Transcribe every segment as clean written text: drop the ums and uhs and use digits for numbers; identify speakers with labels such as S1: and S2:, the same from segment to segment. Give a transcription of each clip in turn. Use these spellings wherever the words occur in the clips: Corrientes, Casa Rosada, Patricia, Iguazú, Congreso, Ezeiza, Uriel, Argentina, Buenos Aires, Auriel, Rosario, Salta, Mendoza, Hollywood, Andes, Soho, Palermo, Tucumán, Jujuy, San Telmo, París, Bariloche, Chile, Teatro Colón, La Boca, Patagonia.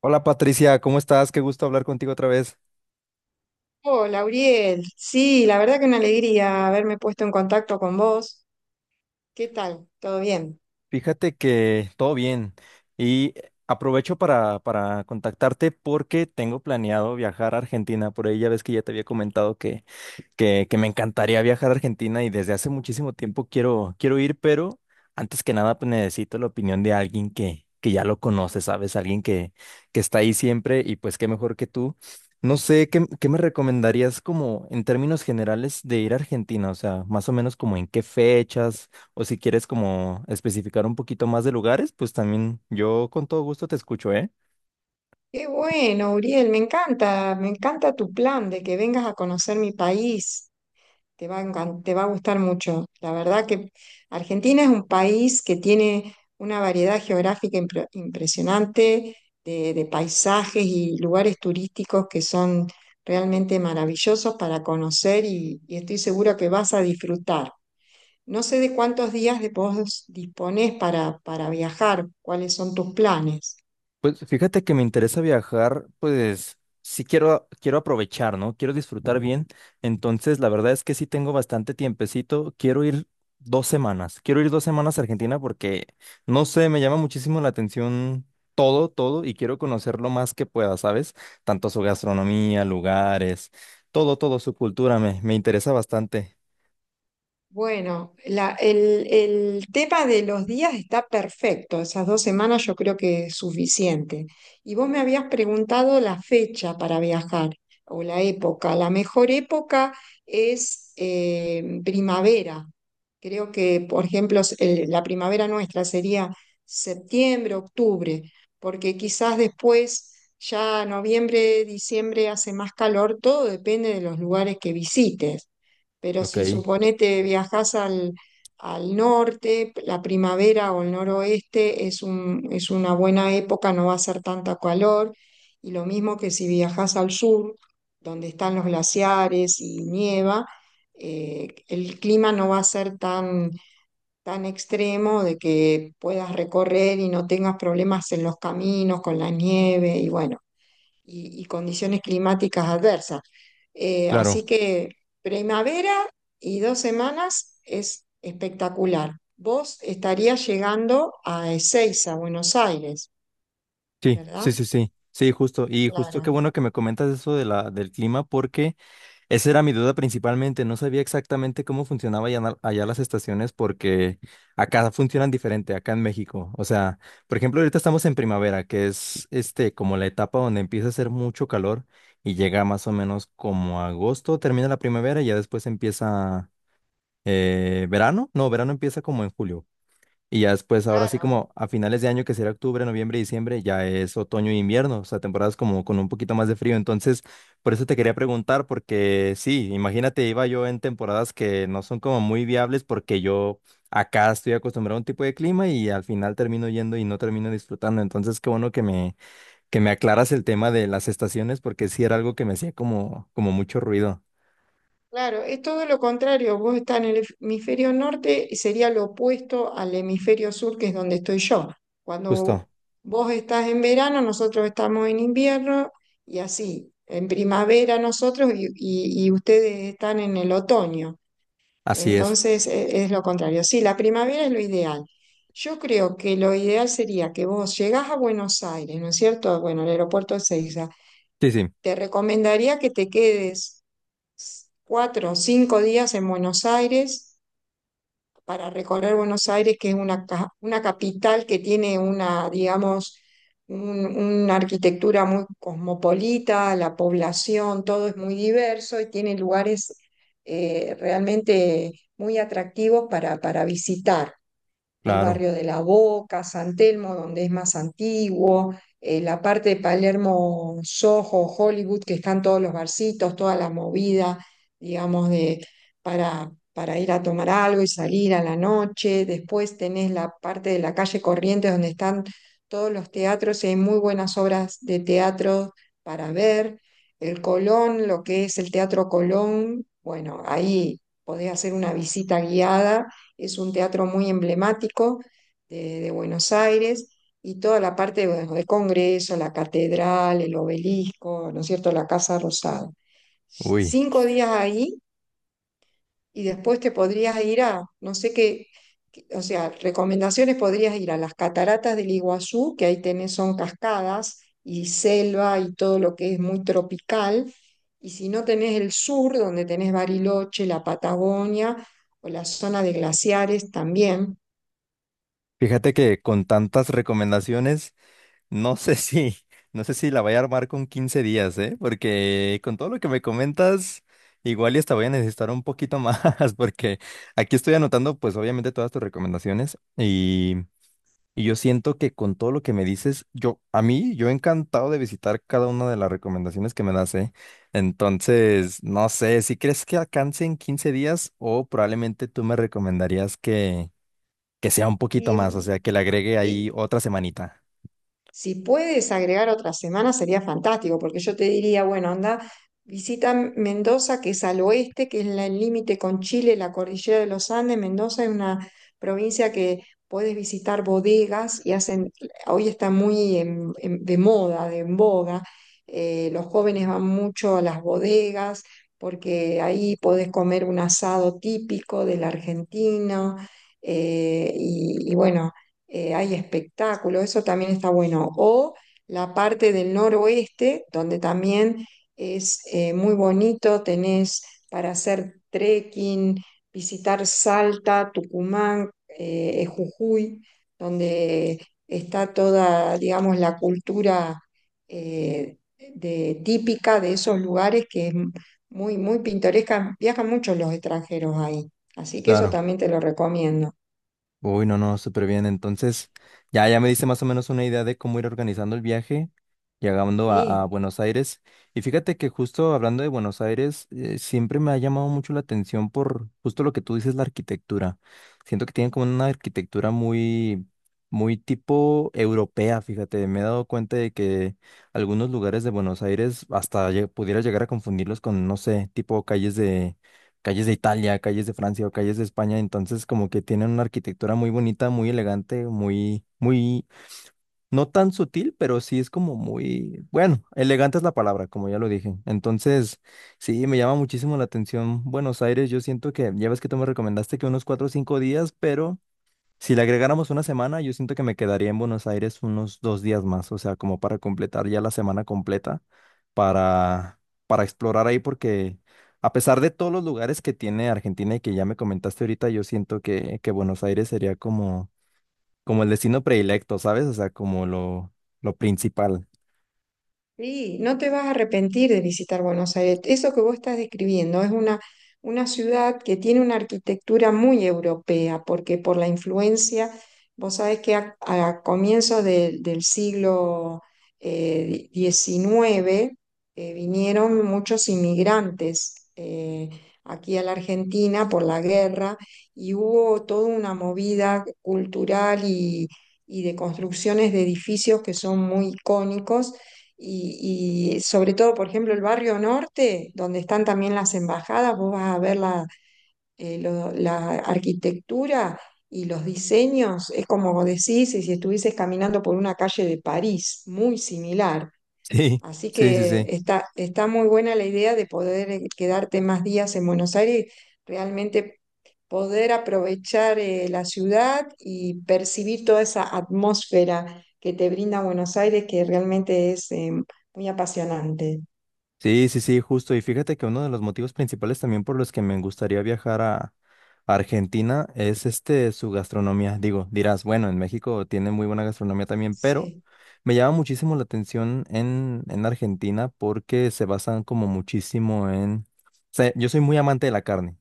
S1: Hola Patricia, ¿cómo estás? Qué gusto hablar contigo otra vez.
S2: Hola, Auriel. Sí, la verdad que una alegría haberme puesto en contacto con vos. ¿Qué tal? ¿Todo bien?
S1: Fíjate que todo bien y aprovecho para contactarte porque tengo planeado viajar a Argentina. Por ahí ya ves que ya te había comentado que me encantaría viajar a Argentina y desde hace muchísimo tiempo quiero ir, pero antes que nada pues, necesito la opinión de alguien que ya lo conoce, ¿sabes? Alguien que está ahí siempre y pues qué mejor que tú. No sé, ¿qué me recomendarías como en términos generales de ir a Argentina? O sea, más o menos como en qué fechas o si quieres como especificar un poquito más de lugares, pues también yo con todo gusto te escucho, ¿eh?
S2: Qué bueno, Uriel, me encanta tu plan de que vengas a conocer mi país. Te va a gustar mucho. La verdad que Argentina es un país que tiene una variedad geográfica impresionante de paisajes y lugares turísticos que son realmente maravillosos para conocer y estoy segura que vas a disfrutar. No sé de cuántos días de vos disponés para viajar, cuáles son tus planes.
S1: Pues fíjate que me interesa viajar, pues sí quiero aprovechar, ¿no? Quiero disfrutar bien. Entonces, la verdad es que sí tengo bastante tiempecito. Quiero ir 2 semanas. Quiero ir dos semanas a Argentina porque, no sé, me llama muchísimo la atención todo, y quiero conocer lo más que pueda, ¿sabes? Tanto su gastronomía, lugares, todo, su cultura, me interesa bastante.
S2: Bueno, el tema de los días está perfecto. Esas dos semanas yo creo que es suficiente. Y vos me habías preguntado la fecha para viajar o la época. La mejor época es primavera. Creo que, por ejemplo, la primavera nuestra sería septiembre, octubre, porque quizás después, ya noviembre, diciembre hace más calor. Todo depende de los lugares que visites. Pero si
S1: Ok,
S2: suponete al norte, la primavera o el noroeste es una buena época, no va a ser tanta calor. Y lo mismo que si viajas al sur, donde están los glaciares y nieva, el clima no va a ser tan extremo de que puedas recorrer y no tengas problemas en los caminos con la nieve. Y bueno, y condiciones climáticas adversas. Eh, así
S1: claro.
S2: que primavera y dos semanas es espectacular. Vos estarías llegando a Ezeiza, Buenos Aires,
S1: Sí, sí,
S2: ¿verdad?
S1: sí, sí. Sí, justo. Y justo qué
S2: Claro,
S1: bueno que me comentas eso de la, del clima porque… Esa era mi duda principalmente. No sabía exactamente cómo funcionaba allá, allá las estaciones porque acá funcionan diferente, acá en México. O sea, por ejemplo, ahorita estamos en primavera, que es este como la etapa donde empieza a hacer mucho calor y llega más o menos como agosto, termina la primavera y ya después empieza verano. No, verano empieza como en julio. Y ya después, ahora sí
S2: claro.
S1: como a finales de año, que será octubre, noviembre, diciembre, ya es otoño e invierno, o sea, temporadas como con un poquito más de frío. Entonces, por eso te quería preguntar, porque sí, imagínate, iba yo en temporadas que no son como muy viables porque yo acá estoy acostumbrado a un tipo de clima y al final termino yendo y no termino disfrutando. Entonces, qué bueno que que me aclaras el tema de las estaciones porque sí era algo que me hacía como, como mucho ruido.
S2: Claro, es todo lo contrario. Vos estás en el hemisferio norte y sería lo opuesto al hemisferio sur, que es donde estoy yo.
S1: Justo,
S2: Cuando vos estás en verano, nosotros estamos en invierno y así, en primavera nosotros y ustedes están en el otoño.
S1: así es.
S2: Entonces lo contrario. Sí, la primavera es lo ideal. Yo creo que lo ideal sería que vos llegás a Buenos Aires, ¿no es cierto? Bueno, el aeropuerto de Ezeiza.
S1: Sí, sí,
S2: Te recomendaría que te quedes cuatro o cinco días en Buenos Aires para recorrer Buenos Aires, que es una capital que tiene una, digamos, una arquitectura muy cosmopolita, la población, todo es muy diverso y tiene lugares realmente muy atractivos para visitar el
S1: claro.
S2: barrio de La Boca, San Telmo, donde es más antiguo, la parte de Palermo, Soho, Hollywood, que están todos los barcitos, toda la movida, digamos, para ir a tomar algo y salir a la noche. Después tenés la parte de la calle Corrientes, donde están todos los teatros y hay muy buenas obras de teatro para ver. El Colón, lo que es el Teatro Colón, bueno, ahí podés hacer una visita guiada, es un teatro muy emblemático de Buenos Aires y toda la parte bueno, de Congreso, la catedral, el obelisco, ¿no es cierto?, la Casa Rosada.
S1: Uy,
S2: Cinco días ahí y después te podrías ir a, no sé qué, o sea, recomendaciones, podrías ir a las cataratas del Iguazú, que ahí tenés, son cascadas y selva y todo lo que es muy tropical. Y si no tenés el sur, donde tenés Bariloche, la Patagonia o la zona de glaciares también.
S1: fíjate que con tantas recomendaciones… No sé si, no sé si la vaya a armar con 15 días, ¿eh? Porque con todo lo que me comentas, igual y hasta voy a necesitar un poquito más, porque aquí estoy anotando, pues obviamente todas tus recomendaciones y yo siento que con todo lo que me dices, yo encantado de visitar cada una de las recomendaciones que me das, ¿eh? Entonces, no sé, si crees que alcance en 15 días o probablemente tú me recomendarías que sea un poquito más, o
S2: Y,
S1: sea, que le agregue ahí
S2: y
S1: otra semanita.
S2: si puedes agregar otra semana sería fantástico, porque yo te diría, bueno, anda, visita Mendoza, que es al oeste, que es el límite con Chile, la cordillera de los Andes. Mendoza es una provincia que puedes visitar bodegas y hacen, hoy está muy de moda, de en boga. Los jóvenes van mucho a las bodegas porque ahí podés comer un asado típico del argentino. eh, y y bueno Hay espectáculos, eso también está bueno. O la parte del noroeste, donde también es muy bonito, tenés para hacer trekking, visitar Salta, Tucumán, Jujuy, donde está toda, digamos, la cultura eh, típica de esos lugares que es muy, muy pintoresca. Viajan muchos los extranjeros ahí, así que eso
S1: Claro.
S2: también te lo recomiendo.
S1: Uy, no, no, súper bien. Entonces, ya me diste más o menos una idea de cómo ir organizando el viaje, llegando a
S2: Sí.
S1: Buenos Aires. Y fíjate que justo hablando de Buenos Aires, siempre me ha llamado mucho la atención por justo lo que tú dices, la arquitectura. Siento que tienen como una arquitectura muy tipo europea, fíjate. Me he dado cuenta de que algunos lugares de Buenos Aires hasta pudiera llegar a confundirlos con, no sé, tipo calles de Italia, calles de Francia o calles de España, entonces como que tienen una arquitectura muy bonita, muy elegante, muy, no tan sutil, pero sí es como muy, bueno, elegante es la palabra, como ya lo dije. Entonces, sí, me llama muchísimo la atención Buenos Aires, yo siento que, ya ves que tú me recomendaste que unos 4 o 5 días, pero… Si le agregáramos una semana, yo siento que me quedaría en Buenos Aires unos 2 días más, o sea, como para completar ya la semana completa, para, para explorar ahí, porque a pesar de todos los lugares que tiene Argentina y que ya me comentaste ahorita, yo siento que Buenos Aires sería como, como el destino predilecto, ¿sabes? O sea, lo principal.
S2: Sí, no te vas a arrepentir de visitar Buenos Aires. Eso que vos estás describiendo es una ciudad que tiene una arquitectura muy europea, porque por la influencia, vos sabés que a comienzos del siglo XIX, vinieron muchos inmigrantes aquí a la Argentina por la guerra y hubo toda una movida cultural y de construcciones de edificios que son muy icónicos y sobre todo, por ejemplo, el barrio norte, donde están también las embajadas, vos vas a ver la, la arquitectura y los diseños, es como vos decís, y si estuvieses caminando por una calle de París, muy similar.
S1: Sí,
S2: Así
S1: sí, sí,
S2: que
S1: sí.
S2: está muy buena la idea de poder quedarte más días en Buenos Aires, realmente poder aprovechar la ciudad y percibir toda esa atmósfera que te brinda Buenos Aires, que realmente es muy apasionante.
S1: Sí, sí, sí, justo. Y fíjate que uno de los motivos principales también por los que me gustaría viajar a Argentina es este su gastronomía. Digo, dirás, bueno, en México tiene muy buena gastronomía también, pero
S2: Sí.
S1: me llama muchísimo la atención en Argentina porque se basan como muchísimo en… o sea, yo soy muy amante de la carne.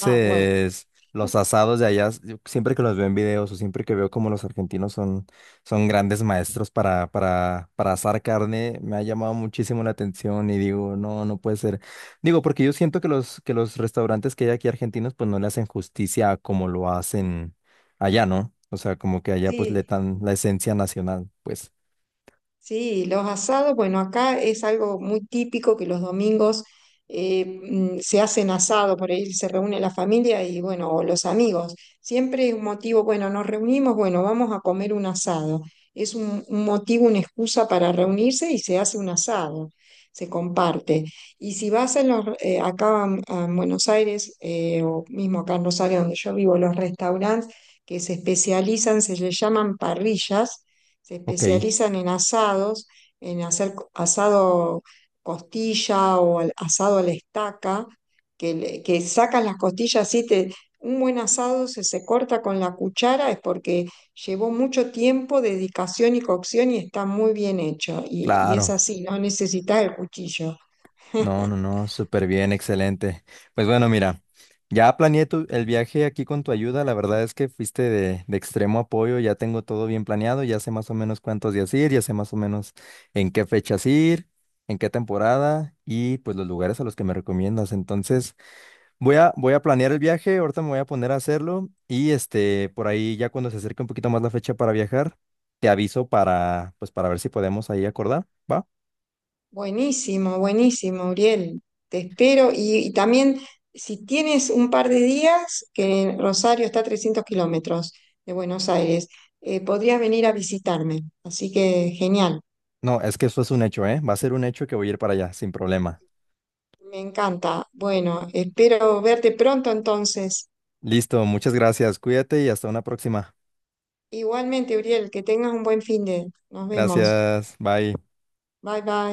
S2: Ah, bueno.
S1: los asados de allá, yo siempre que los veo en videos o siempre que veo como los argentinos son grandes maestros para asar carne. Me ha llamado muchísimo la atención y digo, no, no puede ser. Digo, porque yo siento que que los restaurantes que hay aquí argentinos, pues no le hacen justicia a como lo hacen allá, ¿no? O sea, como que allá pues le
S2: Sí.
S1: dan la esencia nacional. Pues,
S2: Sí, los asados, bueno, acá es algo muy típico que los domingos se hacen asados, por ahí se reúne la familia y bueno, o los amigos. Siempre es un motivo, bueno, nos reunimos, bueno, vamos a comer un asado. Es un motivo, una excusa para reunirse y se hace un asado, se comparte. Y si vas en los, en Buenos Aires, o mismo acá en Rosario, donde yo vivo, los restaurantes que se especializan, se les llaman parrillas, se
S1: ok,
S2: especializan en asados, en hacer asado costilla asado a la estaca, que, que sacan las costillas así, te, un buen asado se corta con la cuchara es porque llevó mucho tiempo, dedicación y cocción y está muy bien hecho. Y es
S1: claro.
S2: así, no necesitas el cuchillo.
S1: No, no, no, súper bien, excelente. Pues bueno, mira, ya planeé el viaje aquí con tu ayuda. La verdad es que fuiste de extremo apoyo, ya tengo todo bien planeado, ya sé más o menos cuántos días ir, ya sé más o menos en qué fechas ir, en qué temporada y pues los lugares a los que me recomiendas. Entonces, voy a planear el viaje, ahorita me voy a poner a hacerlo y este, por ahí ya cuando se acerque un poquito más la fecha para viajar, te aviso para, pues para ver si podemos ahí acordar, ¿va?
S2: Buenísimo, buenísimo, Uriel. Te espero. Y también, si tienes un par de días, que Rosario está a 300 kilómetros de Buenos Aires, podrías venir a visitarme. Así que genial,
S1: No, es que eso es un hecho, ¿eh? Va a ser un hecho que voy a ir para allá, sin problema.
S2: me encanta. Bueno, espero verte pronto entonces.
S1: Listo, muchas gracias. Cuídate y hasta una próxima.
S2: Igualmente, Uriel, que tengas un buen fin de. Nos vemos.
S1: Gracias, bye.
S2: Bye, bye.